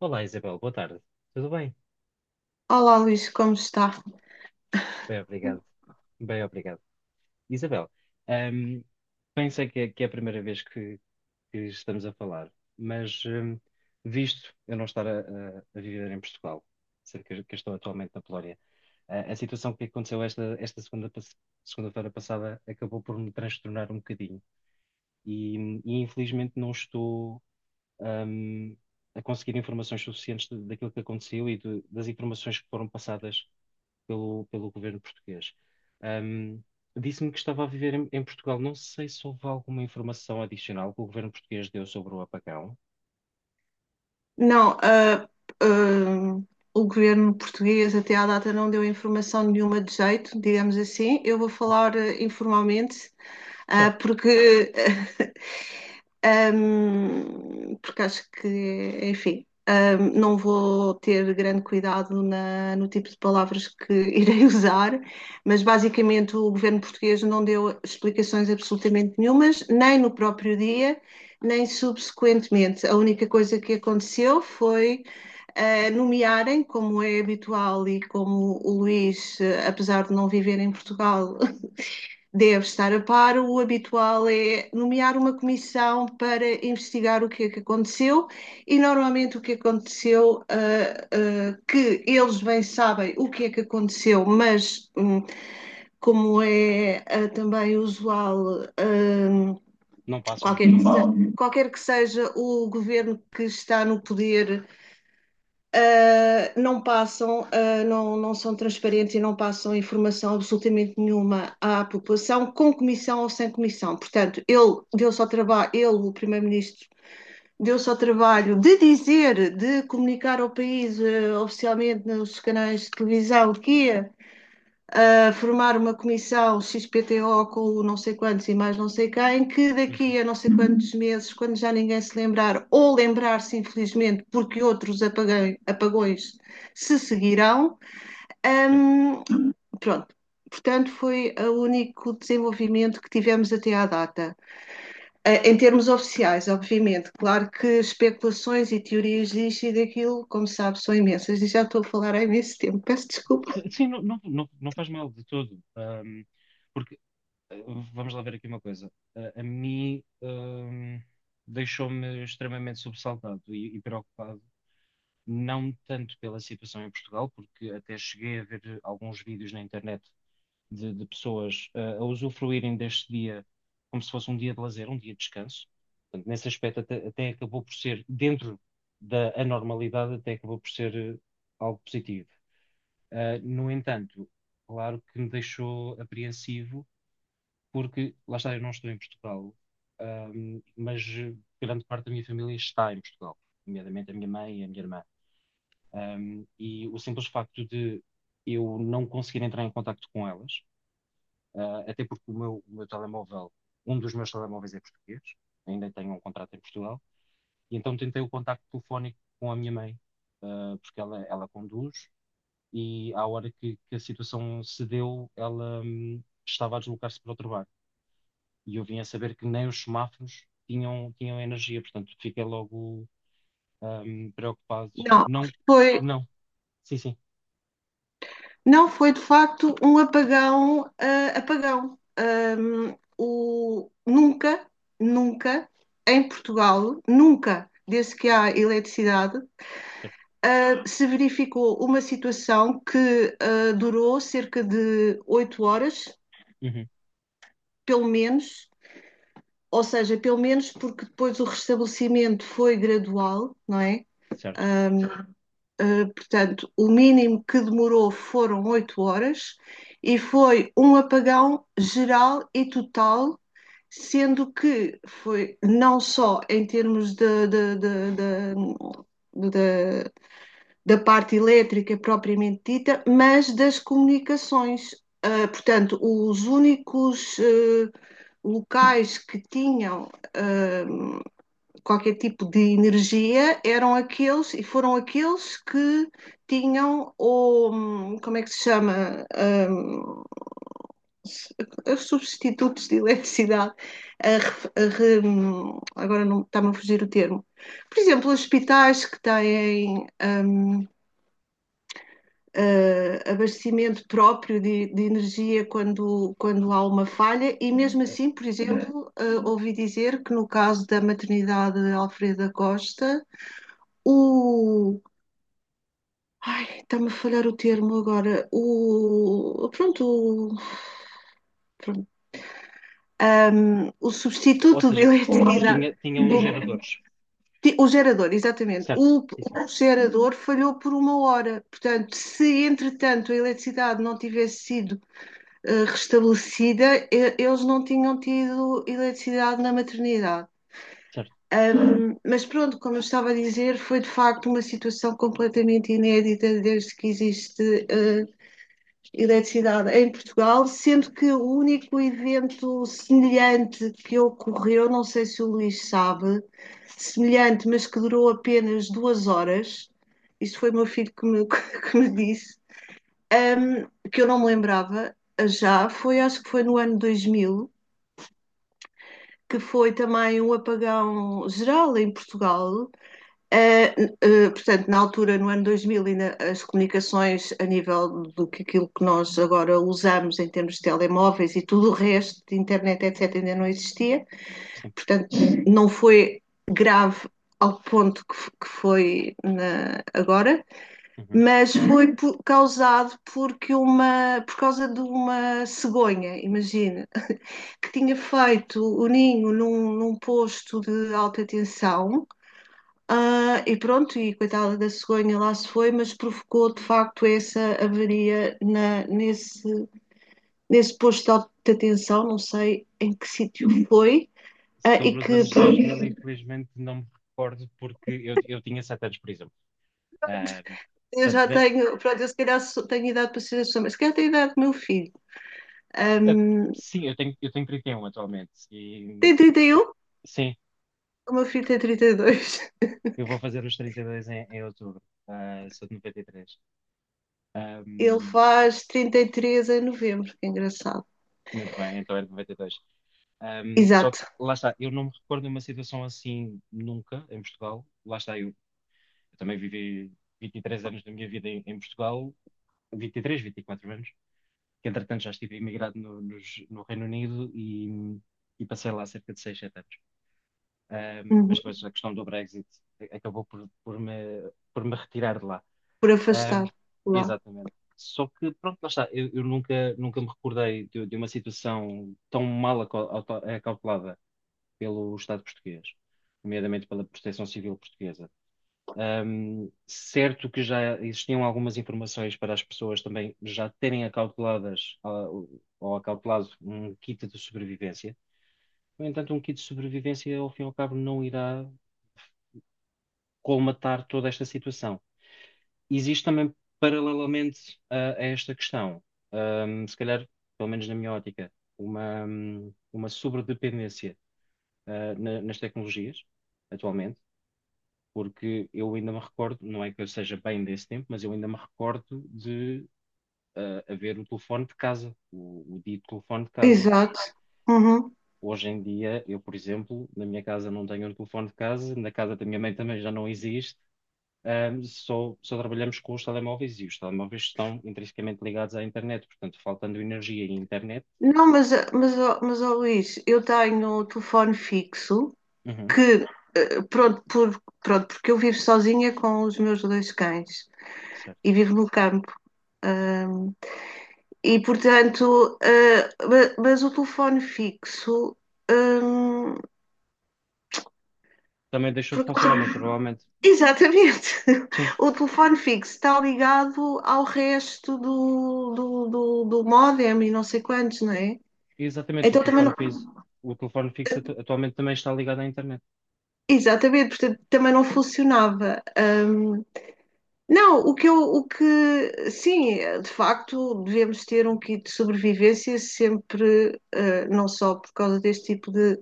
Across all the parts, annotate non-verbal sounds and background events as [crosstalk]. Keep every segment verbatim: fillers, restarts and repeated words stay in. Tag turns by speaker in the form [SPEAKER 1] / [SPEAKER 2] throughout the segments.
[SPEAKER 1] Olá, Isabel, boa tarde. Tudo bem?
[SPEAKER 2] Olá, Luís, como está?
[SPEAKER 1] Bem, obrigado. Bem, obrigado. Isabel, ahm, pensei que é, que é a primeira vez que, que estamos a falar, mas ahm, visto eu não estar a, a- a viver em Portugal, sendo que, que estou atualmente na Polónia, a, a situação que aconteceu esta, esta segunda, pas- segunda-feira passada acabou por me transtornar um bocadinho e, e infelizmente não estou ahm, a conseguir informações suficientes de- daquilo que aconteceu e de- das informações que foram passadas pelo, pelo governo português. Ahm, Disse-me que estava a viver em, em Portugal. Não sei se houve alguma informação adicional que o governo português deu sobre o apagão.
[SPEAKER 2] Não, ah, ah, O governo português até à data não deu informação nenhuma de jeito, digamos assim. Eu vou
[SPEAKER 1] Ok,
[SPEAKER 2] falar ah, informalmente, ah,
[SPEAKER 1] certo.
[SPEAKER 2] porque Ahm, porque acho que, enfim, ahm, não vou ter grande cuidado na- no tipo de palavras que [laughs] irei usar, mas basicamente o governo português não deu explicações absolutamente nenhumas, nem no próprio dia, nem subsequentemente. A única coisa que aconteceu foi ah, nomearem, como é habitual e como o Luís, eh, apesar de não viver em Portugal, deve estar a par. O habitual é nomear uma comissão para investigar o que é que aconteceu e normalmente o que aconteceu, ah, ah, que eles bem sabem o que é que aconteceu, mas hum, como é ah, também usual, hum,
[SPEAKER 1] Não passam a
[SPEAKER 2] qualquer que
[SPEAKER 1] informação.
[SPEAKER 2] seja, qualquer que seja o governo que está no poder, uh, não passam, uh, não, não são transparentes e não passam informação absolutamente nenhuma à população, com comissão ou sem comissão. Portanto, ele deu-se ao trabalho, ele, o Primeiro-Ministro, deu-se ao trabalho de dizer, de comunicar ao país uh, oficialmente nos canais de televisão que ia a formar uma comissão X P T O com o não sei quantos e mais não sei quem, que
[SPEAKER 1] Uhum,
[SPEAKER 2] daqui a não sei quantos meses, quando já ninguém se lembrar, ou lembrar-se infelizmente, porque outros apagões, apagões se seguirão,
[SPEAKER 1] certo.
[SPEAKER 2] hum, pronto. Portanto, foi o único desenvolvimento que tivemos até à data. Eh, Em termos oficiais, obviamente, claro que especulações e teorias disto e daquilo, como sabe, são imensas e já estou a falar há imenso tempo, peço desculpa.
[SPEAKER 1] Sim, não, não, não, não faz mal de todo. Ahm, porque, eh, vamos lá ver aqui uma coisa. A, a mim, ahm, deixou-me extremamente sobressaltado e, e preocupado. Não tanto pela situação em Portugal, porque até cheguei a ver alguns vídeos na internet de, de pessoas eh, a usufruírem deste dia como se fosse um dia de lazer, um dia de descanso. Portanto, nesse aspecto, até, até acabou por ser, dentro da anormalidade, até acabou por ser eh, algo positivo. Eh, no entanto, claro que me deixou apreensivo, porque lá está, eu não estou em Portugal, ahm, mas eh, grande parte da minha família está em Portugal, nomeadamente a minha mãe e a minha irmã. Ahm, e o simples facto de eu não conseguir entrar em contacto com elas. Uh, até porque o meu, o meu telemóvel, um dos meus telemóveis é português, ainda tenho um contrato em Portugal, e então tentei o contacto telefónico com a minha mãe, uh, porque ela, ela conduz, e à hora que, que a situação se deu, ela hum, estava a deslocar-se para outro bar. E eu vim a saber que nem os semáforos tinham, tinham energia, portanto fiquei logo hum, preocupado.
[SPEAKER 2] Não,
[SPEAKER 1] Não,
[SPEAKER 2] foi,
[SPEAKER 1] não, sim, sim,
[SPEAKER 2] Não, foi de facto um apagão, ah, apagão. Ahm, o, nunca, nunca, em Portugal, nunca, desde que há eletricidade,
[SPEAKER 1] certo.
[SPEAKER 2] ah, se verificou uma situação que ah, durou cerca de oito horas,
[SPEAKER 1] Uhum,
[SPEAKER 2] pelo menos, ou seja, pelo menos porque depois o restabelecimento foi gradual, não é?
[SPEAKER 1] certo.
[SPEAKER 2] Ahm, Uh, portanto, o mínimo que demorou foram oito horas e foi um apagão geral e total, sendo que foi não só em termos de, de, de, de de, da parte elétrica propriamente dita, mas das comunicações. Uh, portanto, os únicos uh, locais que tinham uh, qualquer tipo de energia eram aqueles e foram aqueles que tinham o, hum, como é que se chama, Hum, os substitutos de eletricidade, a ref- a hum, agora não está-me a fugir o termo. Por exemplo, os hospitais que têm hum, ah, abastecimento próprio de, de energia quando, quando há uma falha, e mesmo
[SPEAKER 1] Eh,
[SPEAKER 2] assim, por
[SPEAKER 1] sim.
[SPEAKER 2] exemplo, ah, ouvi dizer que no caso da maternidade Alfreda Costa, o. Ai, está-me a falhar o termo agora. O. Pronto, o. pronto, ahm, o
[SPEAKER 1] Ou
[SPEAKER 2] substituto de
[SPEAKER 1] seja,
[SPEAKER 2] eletricidade.
[SPEAKER 1] tinha, tinham geradores,
[SPEAKER 2] O, o gerador, exatamente.
[SPEAKER 1] certo,
[SPEAKER 2] O,
[SPEAKER 1] sim, sim.
[SPEAKER 2] o gerador falhou por uma hora. Portanto, se entretanto a eletricidade não tivesse sido eh, restabelecida, e- eles não tinham tido eletricidade na maternidade.
[SPEAKER 1] Certo.
[SPEAKER 2] Ahm, mas pronto, como eu estava a dizer, foi de facto uma situação completamente inédita desde que existe eh, eletricidade em Portugal, sendo que o único evento semelhante que ocorreu, não sei se o Luís sabe, semelhante, mas que durou apenas duas horas, isto foi o meu filho que me, [laughs] que me disse, um, que eu não me lembrava já, foi acho que foi no ano dois mil, que foi também um apagão geral em Portugal. Uh, uh, Portanto, na altura, no ano dois mil, ainda as comunicações a nível do que aquilo que nós agora usamos em termos de telemóveis e tudo o resto de internet, etcétera, ainda não existia.
[SPEAKER 1] Sim.
[SPEAKER 2] Portanto, não foi grave ao ponto que, que foi na, agora,
[SPEAKER 1] Uhum.
[SPEAKER 2] mas foi por, causado porque uma, por causa de uma cegonha, imagina, que tinha feito o ninho num, num posto de alta tensão ah, e pronto, e coitada da cegonha lá se foi, mas provocou de facto essa avaria na- nesse, nesse posto de alta tensão, não sei em que sítio foi, ah, e
[SPEAKER 1] Sobre os
[SPEAKER 2] que
[SPEAKER 1] anos
[SPEAKER 2] pronto,
[SPEAKER 1] dois mil, infelizmente não me recordo porque eu, eu tinha sete anos, por exemplo. Ah,
[SPEAKER 2] eu
[SPEAKER 1] portanto,
[SPEAKER 2] já
[SPEAKER 1] da-
[SPEAKER 2] tenho, pronto, eu se calhar tenho idade para ser a sua, mas se calhar tenho idade do meu filho.
[SPEAKER 1] a-
[SPEAKER 2] Ahm,
[SPEAKER 1] sim, eu tenho, eu tenho trinta e um atualmente e
[SPEAKER 2] Tem trinta e um,
[SPEAKER 1] sim,
[SPEAKER 2] o meu filho tem trinta e dois. [laughs]
[SPEAKER 1] eu vou fazer os trinta e dois em, em outubro. Ah, sou de noventa e três. Ah,
[SPEAKER 2] Ele faz trinta e três em novembro, que é engraçado.
[SPEAKER 1] muito bem, então é de noventa e dois. Um, só que,
[SPEAKER 2] Exato.
[SPEAKER 1] lá está, eu não me recordo de uma situação assim nunca em Portugal. Lá está, eu, eu também vivi vinte e três anos da minha vida em, em Portugal, vinte e três, vinte e quatro anos, que entretanto já estive imigrado no, nos- no Reino Unido e, e passei lá cerca de seis sete anos. Ahm, mas
[SPEAKER 2] Uhum.
[SPEAKER 1] depois a questão do Brexit acabou por, por me, por me retirar de lá.
[SPEAKER 2] Por
[SPEAKER 1] Ahm,
[SPEAKER 2] afastar lá.
[SPEAKER 1] Exatamente. Só que, pronto, lá está, eu, eu nunca, nunca me recordei de, de uma situação tão mal acal- auto- acautelada pelo Estado português, nomeadamente pela Proteção Civil portuguesa. Um, certo que já existiam algumas informações para as pessoas também já terem acauteladas ah, ou acautelado um kit de sobrevivência. No entanto, um kit de sobrevivência, ao fim e ao cabo, não irá colmatar toda esta situação. Existe também, paralelamente a, a esta questão, um, se calhar, pelo menos na minha ótica, uma, uma sobredependência ah, na- nas tecnologias, atualmente. Porque eu ainda me recordo, não é que eu seja bem desse tempo, mas eu ainda me recordo de ah, haver o telefone de casa, o, o dito telefone de casa.
[SPEAKER 2] Exato. Uhum.
[SPEAKER 1] Hoje em dia, eu, por exemplo, na minha casa não tenho um telefone de casa, na casa da minha mãe também já não existe, ah, só, só trabalhamos com os telemóveis e os telemóveis estão intrinsecamente ligados à internet, portanto, faltando energia e internet,
[SPEAKER 2] Não, mas, mas, ó- mas ó, Luís, eu tenho o telefone fixo
[SPEAKER 1] uhum,
[SPEAKER 2] que, eh, pronto, por, pronto, porque eu vivo sozinha com os meus dois cães
[SPEAKER 1] certo.
[SPEAKER 2] e vivo no campo. E, portanto, eh, ma- mas o telefone fixo, hum,
[SPEAKER 1] Também deixou de
[SPEAKER 2] por
[SPEAKER 1] funcionar, mas
[SPEAKER 2] causa-
[SPEAKER 1] provavelmente,
[SPEAKER 2] exatamente,
[SPEAKER 1] sim,
[SPEAKER 2] [laughs] o telefone fixo está ligado ao resto do, do, do, do módem e não sei quantos, não é?
[SPEAKER 1] exatamente, o
[SPEAKER 2] Então também
[SPEAKER 1] telefone
[SPEAKER 2] não,
[SPEAKER 1] fixo, o telefone fixo atu- atualmente também está ligado à internet,
[SPEAKER 2] exatamente, portanto, também não funcionava. Hum, não, o que eu, o que, sim, de facto, devemos ter um kit de sobrevivência sempre, eh, não só por causa deste tipo de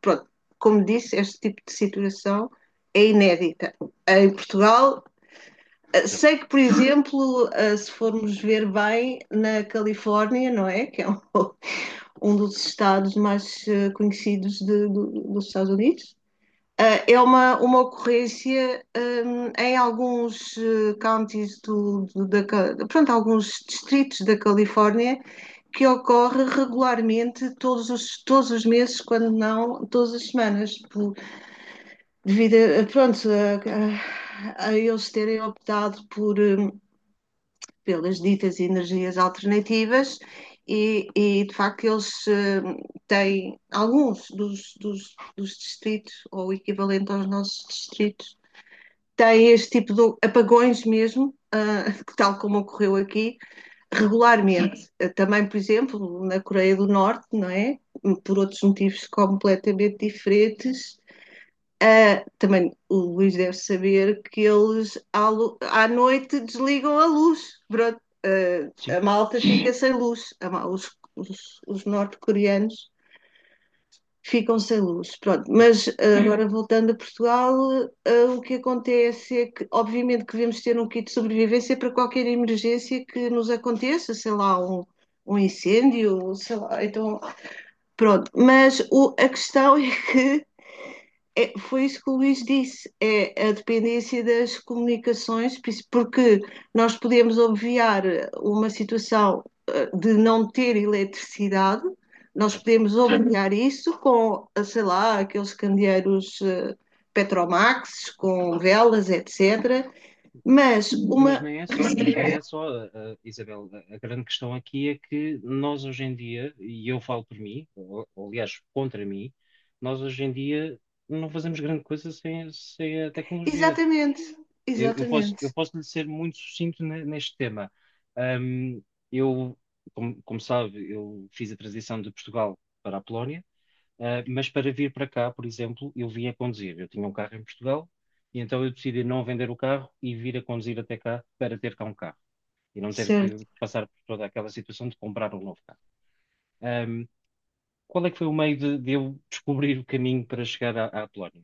[SPEAKER 2] pronto, como disse, este tipo de situação é inédita. Em Portugal, eh,
[SPEAKER 1] certo?
[SPEAKER 2] sei que, por exemplo, eh, se formos ver bem, na Califórnia, não é? Que é um, [laughs] um dos estados mais eh, conhecidos de, do, dos Estados Unidos. eh, É uma, uma ocorrência um, em alguns eh, counties do, do, da, pronto, alguns distritos da Califórnia que ocorre regularmente todos os, todos os meses, quando não todas as semanas, por, devido a, pronto, a, a a eles terem optado por, hum, pelas ditas energias alternativas e, e, de facto eles hum, têm, alguns dos, dos, dos distritos, ou o equivalente aos nossos distritos, têm este tipo de apagões mesmo, uh, [laughs] tal como ocorreu aqui,
[SPEAKER 1] Certo.
[SPEAKER 2] regularmente. Ah, também, por exemplo, na Coreia do Norte, não é? Por outros motivos completamente diferentes, ah, também o Luís deve saber que eles à, lu- à noite desligam a luz. Pronto, ah,
[SPEAKER 1] Sim,
[SPEAKER 2] a malta fica sem luz. A ma- os os- os norte-coreanos ficam sem luz. Pronto,
[SPEAKER 1] é
[SPEAKER 2] mas ah, agora voltando a Portugal, ah, o que acontece é que, obviamente, que devemos ter um kit de sobrevivência para qualquer emergência que nos aconteça, sei lá, um, um incêndio, sei lá, então. Pronto, mas o- a questão [laughs] é que é- foi isso que o Luís disse, é a dependência das comunicações, porque nós podemos obviar uma situação eh, de não ter eletricidade, nós
[SPEAKER 1] certo.
[SPEAKER 2] podemos obviar isso com, eh, sei lá, aqueles candeeiros eh, Petromax, com velas, etcétera. Mas
[SPEAKER 1] Mas
[SPEAKER 2] uma.
[SPEAKER 1] nem é só, mas nem é só, uh, uh, Isabel. A, a grande questão aqui é que nós hoje em dia, e eu falo por mim, ou, ou, aliás, contra mim, nós hoje em dia não fazemos grande coisa sem, sem a tecnologia.
[SPEAKER 2] Exatamente,
[SPEAKER 1] Eu, eu posso,
[SPEAKER 2] exatamente.
[SPEAKER 1] eu posso lhe ser muito sucinto ne- neste tema. Ahm, eu, como, como sabe, eu fiz a transição de Portugal para a Polónia. Ah, mas para vir para cá, por exemplo, eu vim a conduzir. Eu tinha um carro em Portugal e então eu decidi não vender o carro e vir a conduzir até cá para ter cá um carro e não ter que
[SPEAKER 2] Certo,
[SPEAKER 1] passar por toda aquela situação de comprar um novo carro. Ahm, Qual é que foi o meio de, de eu descobrir o caminho para chegar à, à Polónia?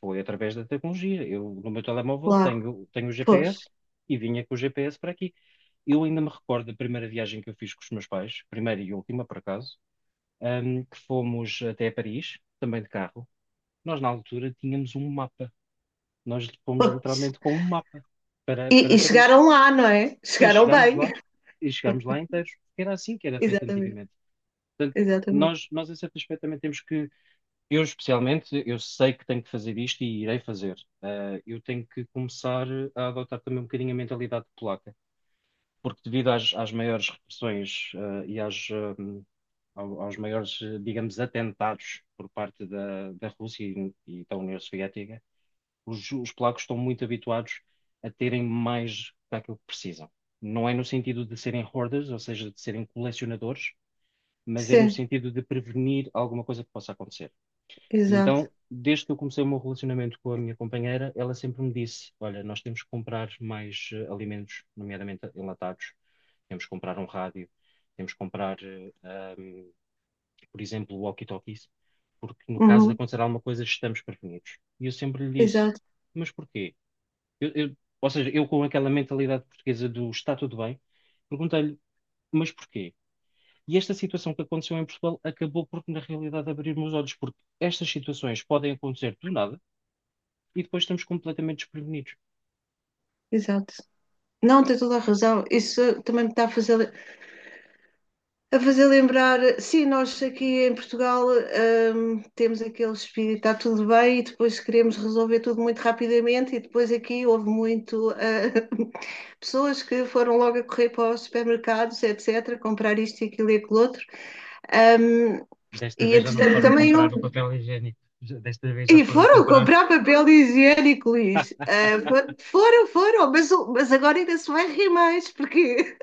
[SPEAKER 1] Foi através da tecnologia. Eu, no meu telemóvel,
[SPEAKER 2] claro.
[SPEAKER 1] tenho, tenho o
[SPEAKER 2] Pois,
[SPEAKER 1] G P S e vinha com o G P S para aqui. Eu ainda me recordo da primeira viagem que eu fiz com os meus pais, primeira e última, por acaso, ahm, que fomos até Paris, também de carro. Nós, na altura, tínhamos um mapa. Nós fomos
[SPEAKER 2] pois.
[SPEAKER 1] literalmente com um mapa para,
[SPEAKER 2] E, e
[SPEAKER 1] para Paris.
[SPEAKER 2] chegaram lá, não é?
[SPEAKER 1] E
[SPEAKER 2] Chegaram
[SPEAKER 1] chegámos
[SPEAKER 2] bem.
[SPEAKER 1] lá,
[SPEAKER 2] [laughs]
[SPEAKER 1] e chegámos lá inteiros, porque era assim que era feito
[SPEAKER 2] Exatamente,
[SPEAKER 1] antigamente. Portanto,
[SPEAKER 2] exatamente.
[SPEAKER 1] nós, nós, em certo aspecto, também temos que, eu especialmente, eu sei que tenho que fazer isto e irei fazer. Ah, eu tenho que começar a adotar também um bocadinho a mentalidade polaca, porque devido às, às maiores repressões, ah, e às, ah, ao- aos maiores, eh, digamos, atentados por parte da, da Rússia e, e da União Soviética. Os, os polacos estão muito habituados a terem mais daquilo que precisam. Não é no sentido de serem hoarders, ou seja, de serem colecionadores, mas é no
[SPEAKER 2] Sim,
[SPEAKER 1] sentido de prevenir alguma coisa que possa acontecer. E
[SPEAKER 2] exato.
[SPEAKER 1] então, desde que eu comecei o meu relacionamento com a minha companheira, ela sempre me disse: Olha, nós temos que comprar mais eh, alimentos, nomeadamente enlatados, temos que comprar um rádio, temos que comprar, eh, ahm, por exemplo, walkie-talkies, porque no caso de
[SPEAKER 2] Uhum,
[SPEAKER 1] acontecer alguma coisa, estamos prevenidos. E eu sempre lhe disse:
[SPEAKER 2] exato,
[SPEAKER 1] Mas porquê? Eu- eu- ou seja, eu com aquela mentalidade portuguesa do está tudo bem, perguntei-lhe, mas porquê? E esta situação que aconteceu em Portugal acabou por, na realidade, abrir meus olhos, porque estas situações podem acontecer do nada e depois estamos completamente desprevenidos.
[SPEAKER 2] exato. Não, tem toda a razão. Isso também me está a fazer, a fazer lembrar. Sim, nós aqui em Portugal, hum, temos aquele espírito, está tudo bem, e depois queremos resolver tudo muito rapidamente, e depois aqui houve muito, ah, [laughs] pessoas que foram logo a correr para os supermercados, etcétera, comprar isto e aquilo e aquilo outro. Hum,
[SPEAKER 1] Desta
[SPEAKER 2] e
[SPEAKER 1] vez já não
[SPEAKER 2] entretanto
[SPEAKER 1] foram
[SPEAKER 2] também
[SPEAKER 1] comprar o
[SPEAKER 2] [laughs]
[SPEAKER 1] papel higiênico. Já- desta vez já
[SPEAKER 2] E
[SPEAKER 1] foram
[SPEAKER 2] foram
[SPEAKER 1] comprar.
[SPEAKER 2] comprar papel higiênico, Luís. Ah, fo- foram, foram, mas, o- mas agora ainda se vai rir mais, porque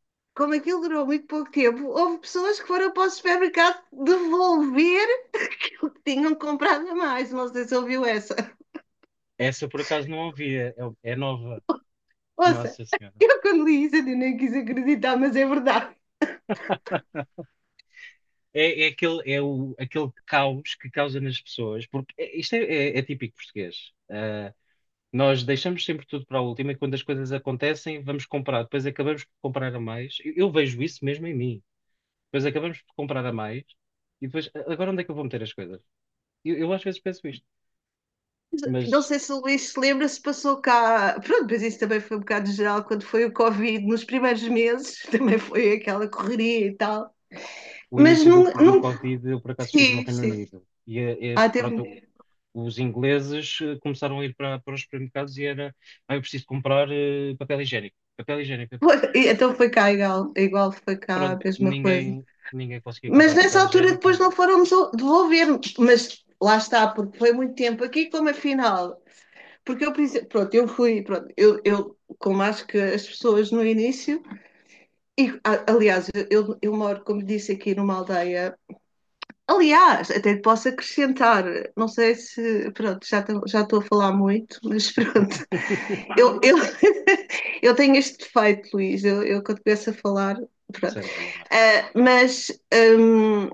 [SPEAKER 2] [laughs] como aquilo durou muito pouco tempo, houve pessoas que foram para o supermercado devolver o que tinham comprado a mais. Não sei se ouviu essa.
[SPEAKER 1] Essa por acaso não havia, é, é nova.
[SPEAKER 2] Ouça,
[SPEAKER 1] Nossa Senhora.
[SPEAKER 2] eu quando li isso eu nem quis acreditar, mas é verdade.
[SPEAKER 1] É, é aquele, é o, aquele caos que causa nas pessoas, porque é- isto é, é- é típico português. Nós deixamos sempre tudo para a última e quando as coisas acontecem, vamos comprar. Depois acabamos por comprar a mais. Eu, eu vejo isso mesmo em mim. Depois acabamos por comprar a mais e depois, "A- agora onde é que eu vou meter as coisas? Eu, eu às vezes penso isto,
[SPEAKER 2] Não
[SPEAKER 1] mas
[SPEAKER 2] sei se o Luís se lembra se passou cá. Pronto, mas isso também foi um bocado geral quando foi o Covid, nos primeiros meses, [laughs] também foi aquela correria e tal.
[SPEAKER 1] o
[SPEAKER 2] Mas
[SPEAKER 1] início
[SPEAKER 2] não,
[SPEAKER 1] do, do
[SPEAKER 2] não...
[SPEAKER 1] Covid, eu por acaso estive no
[SPEAKER 2] Sim,
[SPEAKER 1] Reino
[SPEAKER 2] sim.
[SPEAKER 1] Unido e, é- é,
[SPEAKER 2] Ah, teve.
[SPEAKER 1] pronto,
[SPEAKER 2] um-
[SPEAKER 1] os ingleses eh, começaram a ir para, para os supermercados e era, ah, eu preciso comprar eh, papel higiênico. Papel higiênico. Papel-"
[SPEAKER 2] Pois, e então foi cá igual, igual foi cá a
[SPEAKER 1] Pronto,
[SPEAKER 2] mesma coisa.
[SPEAKER 1] ninguém, ninguém conseguia
[SPEAKER 2] Mas
[SPEAKER 1] comprar
[SPEAKER 2] nessa
[SPEAKER 1] papel
[SPEAKER 2] altura
[SPEAKER 1] higiênico nem
[SPEAKER 2] depois não
[SPEAKER 1] nada.
[SPEAKER 2] foram devolver, mas lá está, porque foi muito tempo aqui, como afinal. Porque eu, pensei- pronto, eu fui, pronto, eu, eu, como acho que as pessoas no início, e a- aliás, eu, eu moro, como disse, aqui numa aldeia. Aliás, até te posso acrescentar, não sei se, pronto, já estou já estou a falar muito, mas [laughs] pronto,
[SPEAKER 1] [laughs]
[SPEAKER 2] eu, eu, [laughs] eu tenho este defeito, Luís, eu, eu quando começo a falar, pronto.
[SPEAKER 1] Sem problema.
[SPEAKER 2] Ah, mas hum,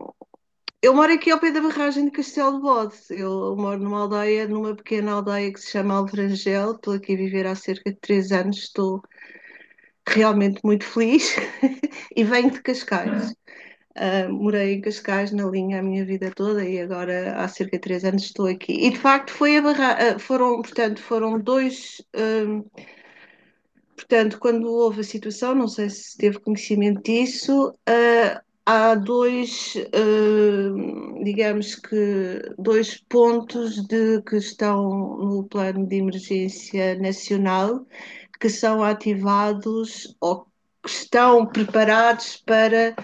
[SPEAKER 2] eu moro aqui ao pé da barragem de Castelo de Bode, eu moro numa aldeia, numa pequena aldeia que se chama Alverangel, estou aqui a viver há cerca de três anos, estou realmente muito feliz [laughs] e venho de
[SPEAKER 1] Certo.
[SPEAKER 2] Cascais. Uh, morei em Cascais na linha a minha vida toda e agora há cerca de três anos estou aqui. E de facto foi a barra uh, foram, portanto, foram dois, uh, portanto, quando houve a situação, não sei se teve conhecimento disso, uh, há dois, uh, digamos que dois pontos de que estão no plano de emergência nacional que são ativados ou que estão preparados para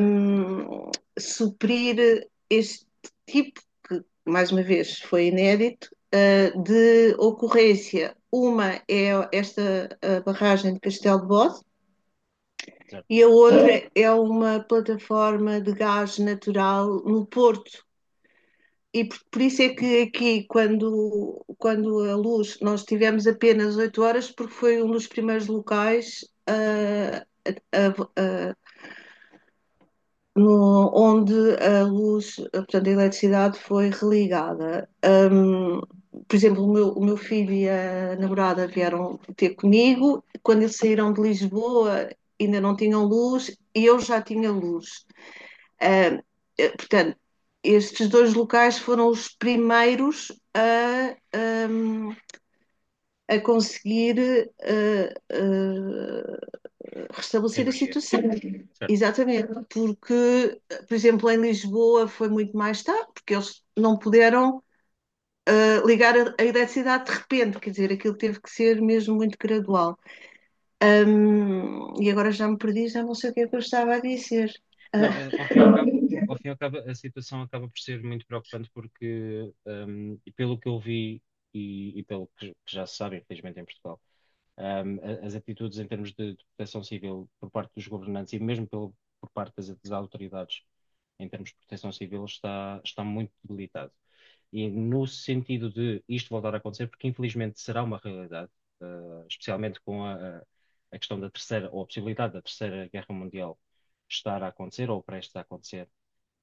[SPEAKER 2] um, suprir este tipo, que mais uma vez foi inédito, uh, de ocorrência. Uma é esta a barragem de Castelo de Bode
[SPEAKER 1] Zero.
[SPEAKER 2] e a outra é uma plataforma de gás natural no Porto. E por, por isso é que aqui, quando, quando a luz, nós tivemos apenas oito horas, porque foi um dos primeiros locais uh, a, a, no- onde a luz, eh, portanto, a eletricidade foi religada. Ahm, por exemplo, o meu, o meu filho e a namorada vieram ter comigo. Quando eles saíram de Lisboa, ainda não tinham luz e eu já tinha luz. Ahm, eh, Portanto, estes dois locais foram os primeiros a, ahm, a conseguir eh, eh, restabelecer a
[SPEAKER 1] Energia.
[SPEAKER 2] situação.
[SPEAKER 1] Certo.
[SPEAKER 2] Exatamente, porque, por exemplo, em Lisboa foi muito mais tarde, porque eles não puderam uh, ligar a, a eletricidade de repente, quer dizer, aquilo teve que ser mesmo muito gradual. Um, e agora já me perdi, já não sei o que é que eu estava a dizer.
[SPEAKER 1] Não, eh, ao fim e ao cabo, ao ao
[SPEAKER 2] Uh,
[SPEAKER 1] fim e ao cabo, a situação acaba por ser muito preocupante porque, ehm, e pelo que eu vi e, e pelo que que já se sabe, infelizmente, em Portugal, ehm, a- as atitudes em termos de, de proteção civil por parte dos governantes e mesmo pelo, por parte das, das autoridades em termos de proteção civil está, está muito debilitado. E no sentido de isto voltar a acontecer, porque infelizmente será uma realidade, eh, especialmente com a, a- questão da terceira, ou a possibilidade da terceira guerra mundial estar a acontecer ou prestes a acontecer,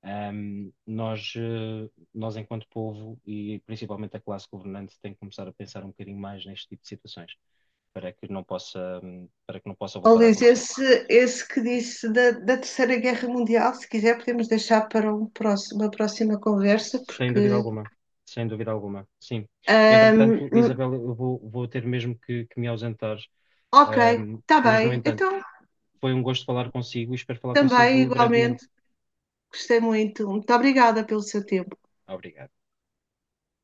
[SPEAKER 1] ahm, nós, eh, nós enquanto povo e principalmente a classe governante tem que começar a pensar um bocadinho mais neste tipo de situações para que não possa, hum, para que não possa
[SPEAKER 2] oh,
[SPEAKER 1] voltar a
[SPEAKER 2] Luís,
[SPEAKER 1] acontecer.
[SPEAKER 2] esse, esse que disse da, da Terceira Guerra Mundial, se quiser podemos deixar para um próximo, uma próxima conversa,
[SPEAKER 1] Sem dúvida
[SPEAKER 2] porque.
[SPEAKER 1] alguma. Sem dúvida alguma, sim.
[SPEAKER 2] Um,
[SPEAKER 1] Entretanto, Isabel, eu vou, vou ter mesmo que, que me ausentar.
[SPEAKER 2] ok,
[SPEAKER 1] Ahm,
[SPEAKER 2] está
[SPEAKER 1] mas, no
[SPEAKER 2] bem,
[SPEAKER 1] entanto,
[SPEAKER 2] então
[SPEAKER 1] foi um gosto falar consigo e espero falar
[SPEAKER 2] também
[SPEAKER 1] consigo brevemente.
[SPEAKER 2] igualmente. Gostei muito. Muito obrigada pelo seu tempo.
[SPEAKER 1] Obrigado.